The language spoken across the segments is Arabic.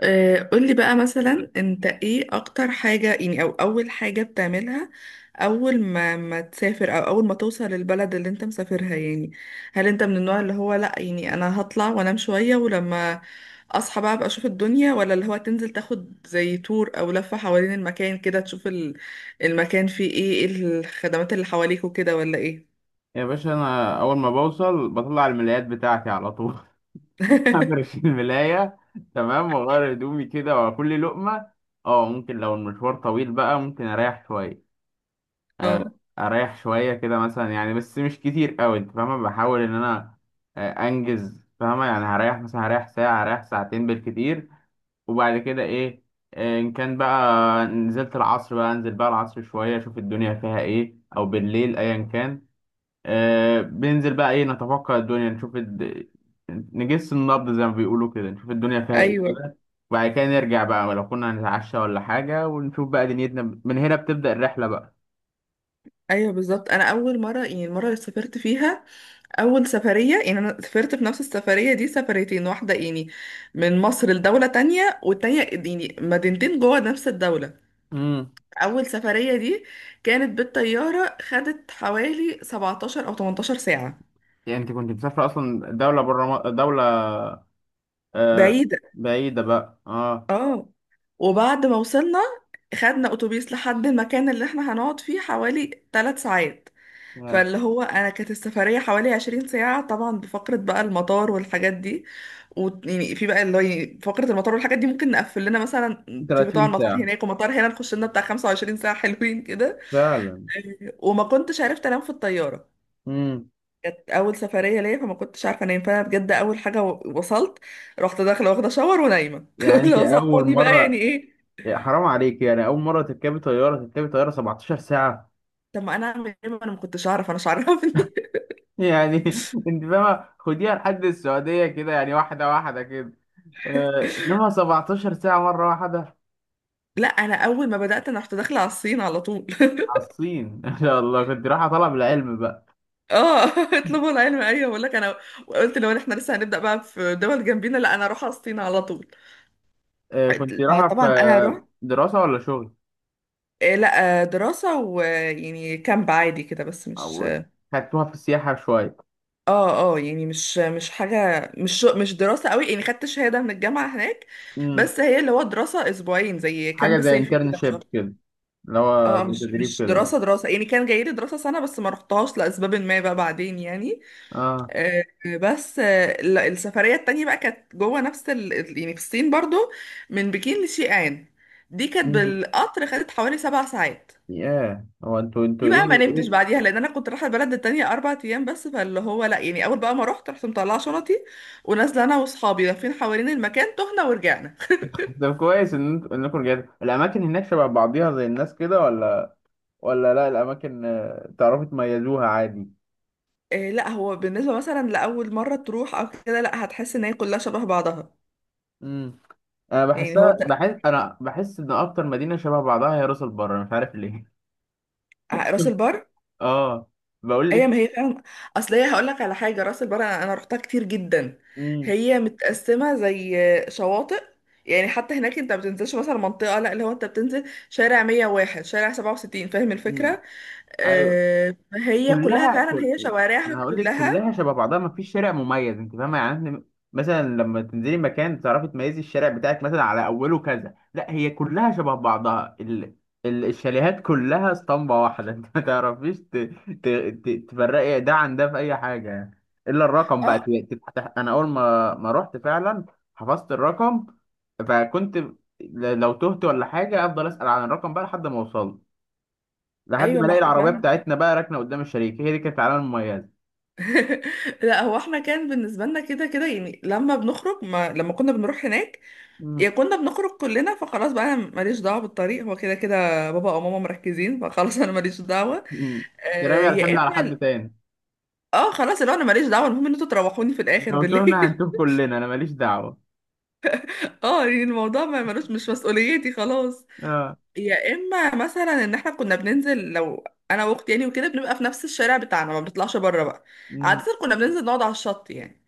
قولي بقى مثلا انت ايه اكتر حاجة يعني او اول حاجة بتعملها اول ما تسافر او اول ما توصل للبلد اللي انت مسافرها يعني. هل انت من النوع اللي هو لا يعني انا هطلع وانام شوية ولما اصحى بقى ابقى اشوف الدنيا، ولا اللي هو تنزل تاخد زي تور او لفة حوالين المكان كده تشوف المكان فيه ايه الخدمات اللي حواليك وكده، ولا ايه؟ يا باشا، انا اول ما بوصل بطلع الملايات بتاعتي على طول. افرش الملايه. تمام، واغير هدومي كده واكل لقمه. اه، ممكن لو المشوار طويل بقى ممكن اريح شويه، اه، كده مثلا يعني، بس مش كتير قوي. انت فاهمه، بحاول ان انا انجز، فاهمه يعني؟ هريح مثلا، ساعه، هريح ساعتين بالكتير. وبعد كده ايه؟ ان كان بقى نزلت العصر بقى، انزل بقى العصر شويه اشوف الدنيا فيها ايه، او بالليل ايا كان. آه، بننزل بقى ايه، نتوقع الدنيا، نشوف نجس النبض زي ما بيقولوا كده، نشوف الدنيا فيها ايه ايوه، كده. وبعد كده نرجع بقى لو كنا هنتعشى ولا حاجة، ونشوف بقى دنيتنا. من هنا بتبدأ الرحلة بقى. ايوه بالظبط. انا اول مرة يعني المرة اللي سافرت فيها اول سفريه، يعني انا سافرت في نفس السفريه دي سفريتين، واحده يعني من مصر لدوله تانية، والتانية يعني مدينتين جوه نفس الدوله. امم. اول سفريه دي كانت بالطياره، خدت حوالي 17 او 18 ساعه. يعني انت كنت مسافرة اصلا دولة بره، دولة آه بعيده، بعيدة بقى. اه. اه. وبعد ما وصلنا خدنا اتوبيس لحد المكان اللي احنا هنقعد فيه حوالي 3 ساعات، يا فاللي هو انا كانت السفريه حوالي 20 ساعه، طبعا بفقره بقى المطار والحاجات دي. ويعني في بقى اللي هو يعني فقره المطار والحاجات دي ممكن نقفل لنا مثلا، في طبعا 30 مطار ساعة! هناك ومطار هنا، نخش لنا بتاع 25 ساعه حلوين كده. فعلا. وما كنتش عرفت انام في الطياره، امم. كانت اول سفريه ليا فما كنتش عارفه انام، فانا بجد اول حاجه وصلت رحت داخله واخده شاور ونايمه. يعني انت لو اول صحوني بقى يعني مرة، ايه؟ يا حرام عليك، يعني اول مرة تركبي طيارة، 17 ساعة طب ما انا اعمل ايه؟ ما انا ما كنتش اعرف، انا مش عارفني. يعني! انت فاهمه، خديها لحد السعوديه كده، يعني واحده واحده كده، انما 17 ساعه مره واحده! لا انا اول ما بدات انا رحت داخله على الصين على طول. على الصين! ان شاء الله كنت رايحه طلب العلم بقى. اه. اطلبوا العلم، ايوه بقول لك. انا قلت لو احنا لسه هنبدا بقى في دول جنبينا، لا انا اروح اسطينة على طول. كنت رايحه في طبعا انا رحت، دراسه ولا شغل؟ آه، لا آه، دراسه ويعني كامب عادي كده بس مش، او خدتوها في السياحه شويه؟ اه اه، يعني مش حاجه مش دراسه قوي، يعني خدت شهاده من الجامعه هناك، امم. بس هي اللي هو دراسه اسبوعين زي كامب حاجه زي صيفي كده في شهر. انترنشيب كده، اللي هو اه زي مش تدريب مش كده. دراسه دراسه، يعني كان جاي لي دراسه سنه بس ما رحتهاش لاسباب ما بقى بعدين يعني. اه. آه، بس آه، لا، السفرية التانية بقى كانت جوه نفس يعني في الصين برضو، من بكين لشيئان. دي كانت امم. بالقطر، خدت حوالي 7 ساعات. ياه! هو انتوا دي بقى ايه ما نمتش بعديها لان انا كنت رايحه البلد التانية 4 ايام بس، فاللي هو لا يعني اول بقى ما رحت رحت مطلعه شنطي، ونازله انا واصحابي لافين حوالين المكان، تهنا ورجعنا. طب كويس ان انتوا انكم رجعتوا. الاماكن هناك شبه بعضيها زي الناس كده، ولا لا، الاماكن تعرفي تميزوها عادي؟ إيه لا هو بالنسبه مثلا لاول مره تروح او كده لا، هتحس ان هي كلها شبه بعضها. امم. انا يعني بحسها، بحس ان اكتر مدينه شبه بعضها هي راس البر، مش عارف ليه. راس البر، اه، بقول هي لك. ما هي فعلا، اصل هي هقول لك على حاجه، راس البر انا رحتها كتير جدا. امم. هي متقسمه زي شواطئ، يعني حتى هناك انت ما بتنزلش مثلا منطقه، لا اللي هو انت بتنزل شارع 101 شارع 67، فاهم امم. الفكره؟ ايوه. آه فهي كلها كلها، فعلا كل... هي شوارعها انا هقول لك كلها. كلها شبه بعضها، ما فيش شارع مميز. انت فاهمه يعني؟ إحنا مثلا لما تنزلي مكان تعرفي تميزي الشارع بتاعك مثلا على اوله كذا، لا، هي كلها شبه بعضها. الشاليهات كلها اسطمبه واحده. انت ما تعرفيش ت... تفرقي ده عن ده في اي حاجه يعني، الا الرقم بقى اه، تفتح. انا اول ما رحت فعلا حفظت الرقم، فكنت، لو تهت ولا حاجه افضل اسال عن الرقم بقى لحد ما اوصل، لحد ايوه ما ما الاقي احنا العربيه فعلا. بتاعتنا بقى راكنه قدام الشريك. هي دي كانت العلامه المميزه. لا هو احنا كان بالنسبه لنا كده كده، يعني لما بنخرج ما لما كنا بنروح هناك مم. يا كنا بنخرج كلنا، فخلاص بقى انا ماليش دعوه بالطريق، هو كده كده بابا او ماما مركزين فخلاص انا ماليش دعوه. مم. ده رامي الحمل يا على حد اما، تاني، اه خلاص اللي هو انا ماليش دعوه، المهم ان انتوا تروحوني في الاخر لو تهنا بالليل. هنتوه كلنا، انا ماليش دعوه. اه يعني الموضوع ما ملوش، مش مسؤوليتي خلاص. اه. يا اما مثلا ان احنا كنا بننزل لو انا واختي يعني وكده، بنبقى في نفس الشارع بتاعنا ما بنطلعش بره بقى. عاده مم. كنا بننزل نقعد على الشط يعني.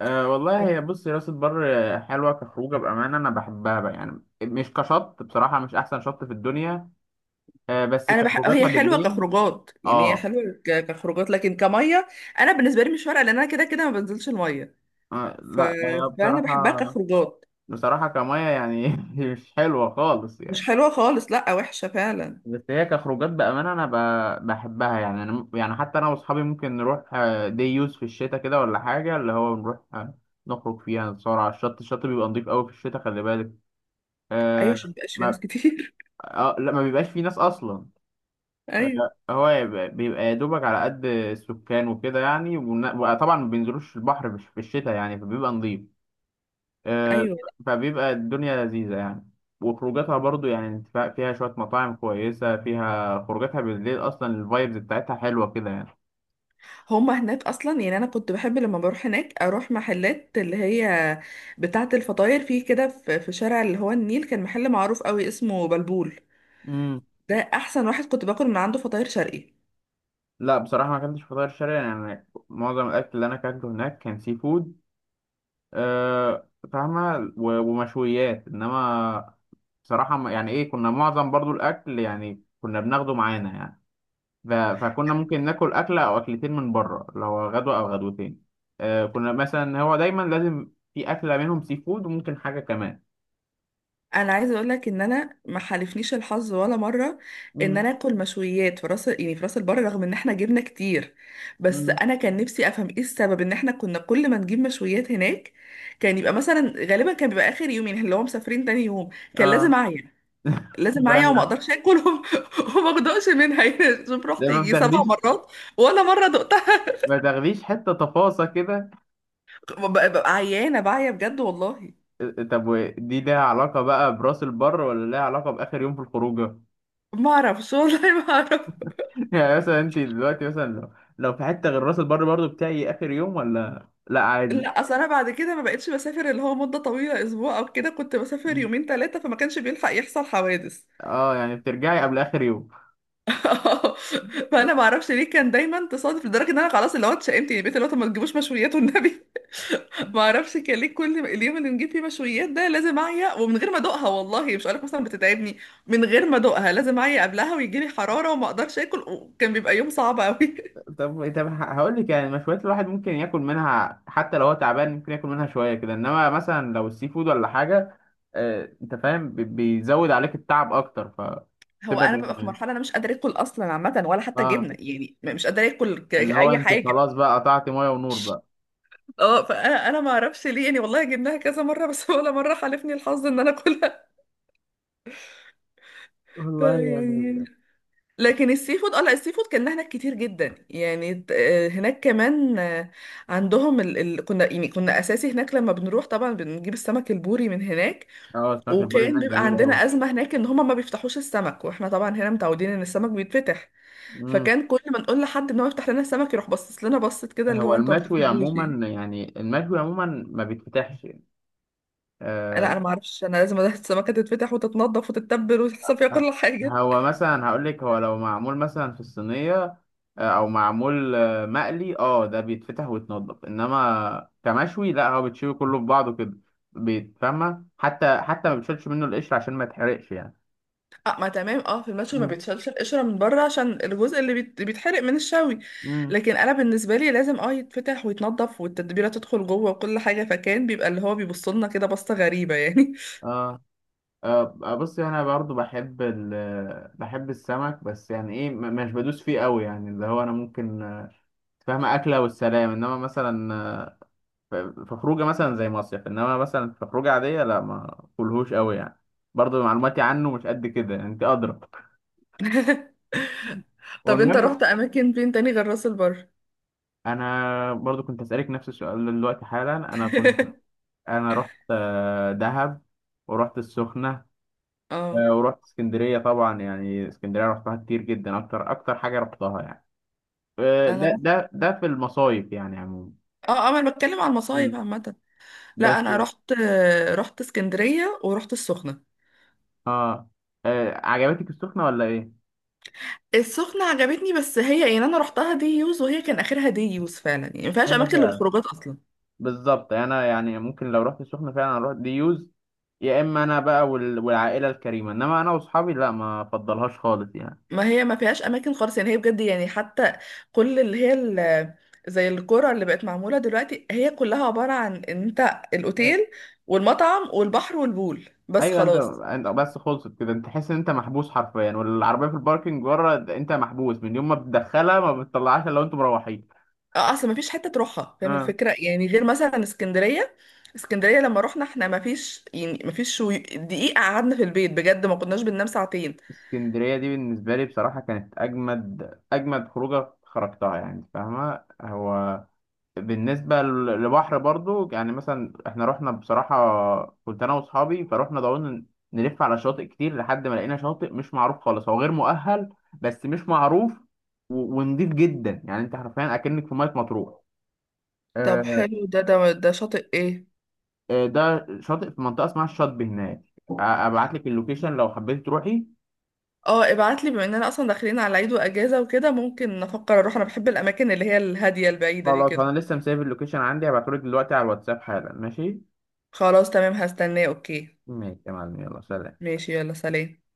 أه والله هي بص، هي راس البر حلوه كخروجه بامانه، انا بحبها بقى يعني، مش كشط، بصراحه مش احسن شط في الدنيا، أه، بس كخروجاتنا هي حلوه بالليل. كخروجات، يعني هي اه, حلوه كخروجات لكن كميه، انا بالنسبه لي مش فارقه لان انا كده كده ما بنزلش الميه، آه ف... لا، هي فانا بصراحه، بحبها كخروجات. بصراحه كميه يعني مش حلوه خالص مش يعني. حلوه خالص، لا وحشه فعلا. بس هي كخروجات بأمانة أنا بحبها يعني. أنا يعني حتى أنا وأصحابي ممكن نروح دي يوز في الشتاء كده ولا حاجة، اللي هو نروح نخرج فيها نتصور على الشط. الشط بيبقى نضيف أوي في الشتاء، خلي بالك. ايوه آه. عشان مبقاش في ما ناس كتير. آه لا، ما بيبقاش فيه ناس أصلا. ايوه، آه، هو بيبقى يا دوبك على قد السكان وكده يعني، وطبعا ما بينزلوش البحر مش في الشتاء يعني، فبيبقى نضيف. آه، ايوه. فبيبقى الدنيا لذيذة يعني، وخروجاتها برضو يعني. انت فيها شوية مطاعم كويسة، فيها خروجاتها بالليل، أصلا الفايبز بتاعتها حلوة كده يعني. هما هناك اصلا يعني انا كنت بحب لما بروح هناك اروح محلات اللي هي بتاعه الفطاير، في كده في في شارع اللي هو النيل، كان محل معروف قوي اسمه بلبول، امم. ده احسن واحد كنت باكل من عنده فطاير شرقي. لا، بصراحة ما أكلتش فطاير شرقي، يعني معظم الأكل اللي أنا أكلته هناك كان سي فود. آه، فاهمة، ومشويات، إنما بصراحة، يعني إيه، كنا معظم برضو الأكل يعني كنا بناخده معانا يعني. فكنا ممكن ناكل أكلة أو أكلتين من بره لو غدوة أو غدوتين. كنا مثلا هو دايما لازم في أكلة منهم سي فود، وممكن حاجة كمان. انا عايزه اقول لك ان انا ما حالفنيش الحظ ولا مره ان امم. انا اكل مشويات في راس، يعني في راس البر، رغم ان احنا جبنا كتير. بس امم. انا كان نفسي افهم ايه السبب ان احنا كنا كل ما نجيب مشويات هناك كان يبقى مثلا غالبا كان بيبقى اخر يوم، يعني اللي هو مسافرين تاني يوم، كان اه لازم اعيا، لازم معايا وما بقى- اقدرش اكل وما، وما اقدرش منها يعني. شوف ده رحت ما يجي سبع بتاخديش؟ مرات ولا مره دقتها. ما تاخديش حتة تفاصة كده؟ ببقى عيانه بعيا بجد والله. طب ودي ليها علاقة بقى براس البر، ولا ليها علاقة بآخر يوم في الخروجة؟ ما اعرفش والله، ما اعرف. يعني مثلا أنت دلوقتي مثلا، لو في حتة غير راس البر برضو بتاعي آخر يوم، ولا لا عادي؟ لا اصل انا بعد كده ما بقتش بسافر اللي هو مده طويله اسبوع او كده، كنت بسافر مم. يومين ثلاثه فما كانش بيلحق يحصل حوادث. اه، يعني بترجعي قبل آخر يوم. فانا ما اعرفش ليه كان دايما تصادف، لدرجه ان انا خلاص اللي هو اتشائمت يعني، بقيت اللي هو طب ما تجيبوش مشويات والنبي. ما اعرفش كان ليه، كل اليوم اللي نجيب فيه مشويات ده لازم اعيا، ومن غير ما ادوقها والله، مش هقولك مثلا بتتعبني، من غير ما ادوقها لازم اعيا قبلها ويجي لي حراره وما اقدرش اكل، وكان بيبقى يوم صعب قوي. طب هقول لك، يعني مشويات الواحد ممكن ياكل منها حتى لو هو تعبان، ممكن ياكل منها شويه كده، انما مثلا لو السي فود ولا حاجه، آه، انت فاهم، بيزود عليك التعب اكتر، هو فتبقى انا ببقى في دايما. مرحله انا مش قادره اكل اصلا عامه، ولا حتى اه، جبنه يعني مش قادره اكل اللي هو اي انت حاجه. خلاص بقى قطعت ميه ونور بقى. اه فانا ما اعرفش ليه يعني والله، جبناها كذا مره بس. ولا مره حالفني الحظ ان انا اكلها. والله يعني. يعني لكن السي فود، اه لا السي فود كان هناك كتير جدا يعني هناك كمان، عندهم كنا يعني كنا اساسي هناك، لما بنروح طبعا بنجيب السمك البوري من هناك. اه. سمك البوري وكان هناك بيبقى جميل قوي. عندنا ازمه هناك ان هما ما بيفتحوش السمك، واحنا طبعا هنا متعودين ان السمك بيتفتح، امم. فكان كل ما نقول لحد ان هو يفتح لنا السمك يروح باصص لنا بصت كده، اللي هو هو انتوا ما المشوي بتفهموش يعني. عموما، يعني المشوي عموما ما بيتفتحش. لا آه. انا ما اعرفش، انا لازم السمكه تتفتح وتتنضف وتتبل وتحصل فيها آه، كل حاجه. هو مثلا هقول لك هو لو معمول مثلا في الصينيه آه، او معمول آه، مقلي اه ده بيتفتح ويتنضف انما كمشوي لا هو بتشوي كله في بعضه كده بيتفهمها حتى حتى ما بتشيلش منه القشر عشان ما يتحرقش يعني اه، ما تمام، اه في المشوي ما مم. بيتشالش القشرة من بره عشان الجزء اللي بيتحرق من الشوي، مم. لكن انا بالنسبة لي لازم اه يتفتح ويتنضف والتتبيلة تدخل جوه وكل حاجة، فكان بيبقى اللي هو بيبص لنا كده بصة غريبة يعني. اه آه، بص انا برضو بحب بحب السمك، بس يعني ايه، مش بدوس فيه قوي يعني. اللي هو انا ممكن، فاهمة، أكلة والسلام، إنما مثلا في خروجة مثلا زي مصيف، إنما مثلا في خروجة عادية لا، ما أكلهوش قوي يعني، برضو معلوماتي عنه مش قد كده يعني، أنت أدرى. طب انت والمهم، رحت اماكن فين تاني غير راس البر؟ انا برضو كنت اسالك نفس السؤال دلوقتي حالا. انا رحت دهب، ورحت السخنه، اه ورحت اسكندريه طبعا، يعني اسكندريه رحتها كتير جدا، اكتر اكتر حاجه رحتها يعني. انا ده رحت- ده في المصايف يعني عموما. اه اه انا بتكلم عن مم. المصايف عامة. لا بس. انا رحت، رحت اسكندرية ورحت السخنة. اه. عجبتك السخنه ولا ايه؟ السخنة عجبتني بس هي يعني انا رحتها دي يوز، وهي كان اخرها دي يوز فعلا يعني ما فيهاش هي اماكن فعلا للخروجات اصلا. بالظبط. انا يعني ممكن لو رحت السخنه فعلا اروح ديوز، يا اما انا بقى والعائله الكريمه، انما انا واصحابي لا، ما افضلهاش خالص يعني. ما هي ما فيهاش اماكن خالص يعني، هي بجد يعني حتى كل اللي هي زي القرى اللي بقت معموله دلوقتي، هي كلها عباره عن ان انت الاوتيل والمطعم والبحر والبول بس ايوه، خلاص. انت بس خلصت كده انت تحس ان انت محبوس حرفيا، والعربيه في الباركنج بره، انت محبوس من يوم ما بتدخلها، ما بتطلعهاش الا وانتوا مروحين. اه اصل ما فيش حته تروحها فاهم اه. الفكره، يعني غير مثلا اسكندريه. اسكندريه لما رحنا احنا ما فيش يعني ما فيش دقيقه قعدنا في البيت بجد، ما كناش بننام ساعتين. اسكندريه دي بالنسبه لي بصراحه كانت اجمد اجمد خروجه خرجتها يعني، فاهمه. هو بالنسبه لبحر برضو يعني، مثلا احنا رحنا بصراحه، كنت انا واصحابي، فروحنا ضعونا نلف على شواطئ كتير لحد ما لقينا شاطئ مش معروف خالص، هو غير مؤهل بس مش معروف، ونضيف جدا يعني، انت حرفيا اكنك في ميه مطروح. طب آه، حلو، ده شاطئ ايه؟ آه، ده شاطئ في منطقة اسمها الشاطبي هناك، ابعت لك اللوكيشن لو حبيت تروحي. اه ابعتلي، بما اننا اصلا داخلين على عيد واجازه وكده ممكن افكر اروح، انا بحب الاماكن اللي هي الهاديه البعيده دي خلاص، كده. انا لسه مسافر، اللوكيشن عندي هبعته لك دلوقتي على الواتساب حالا، ماشي؟ خلاص تمام، هستناه، اوكي. ماشي يا معلم، يلا سلام. ماشي، يلا سلام.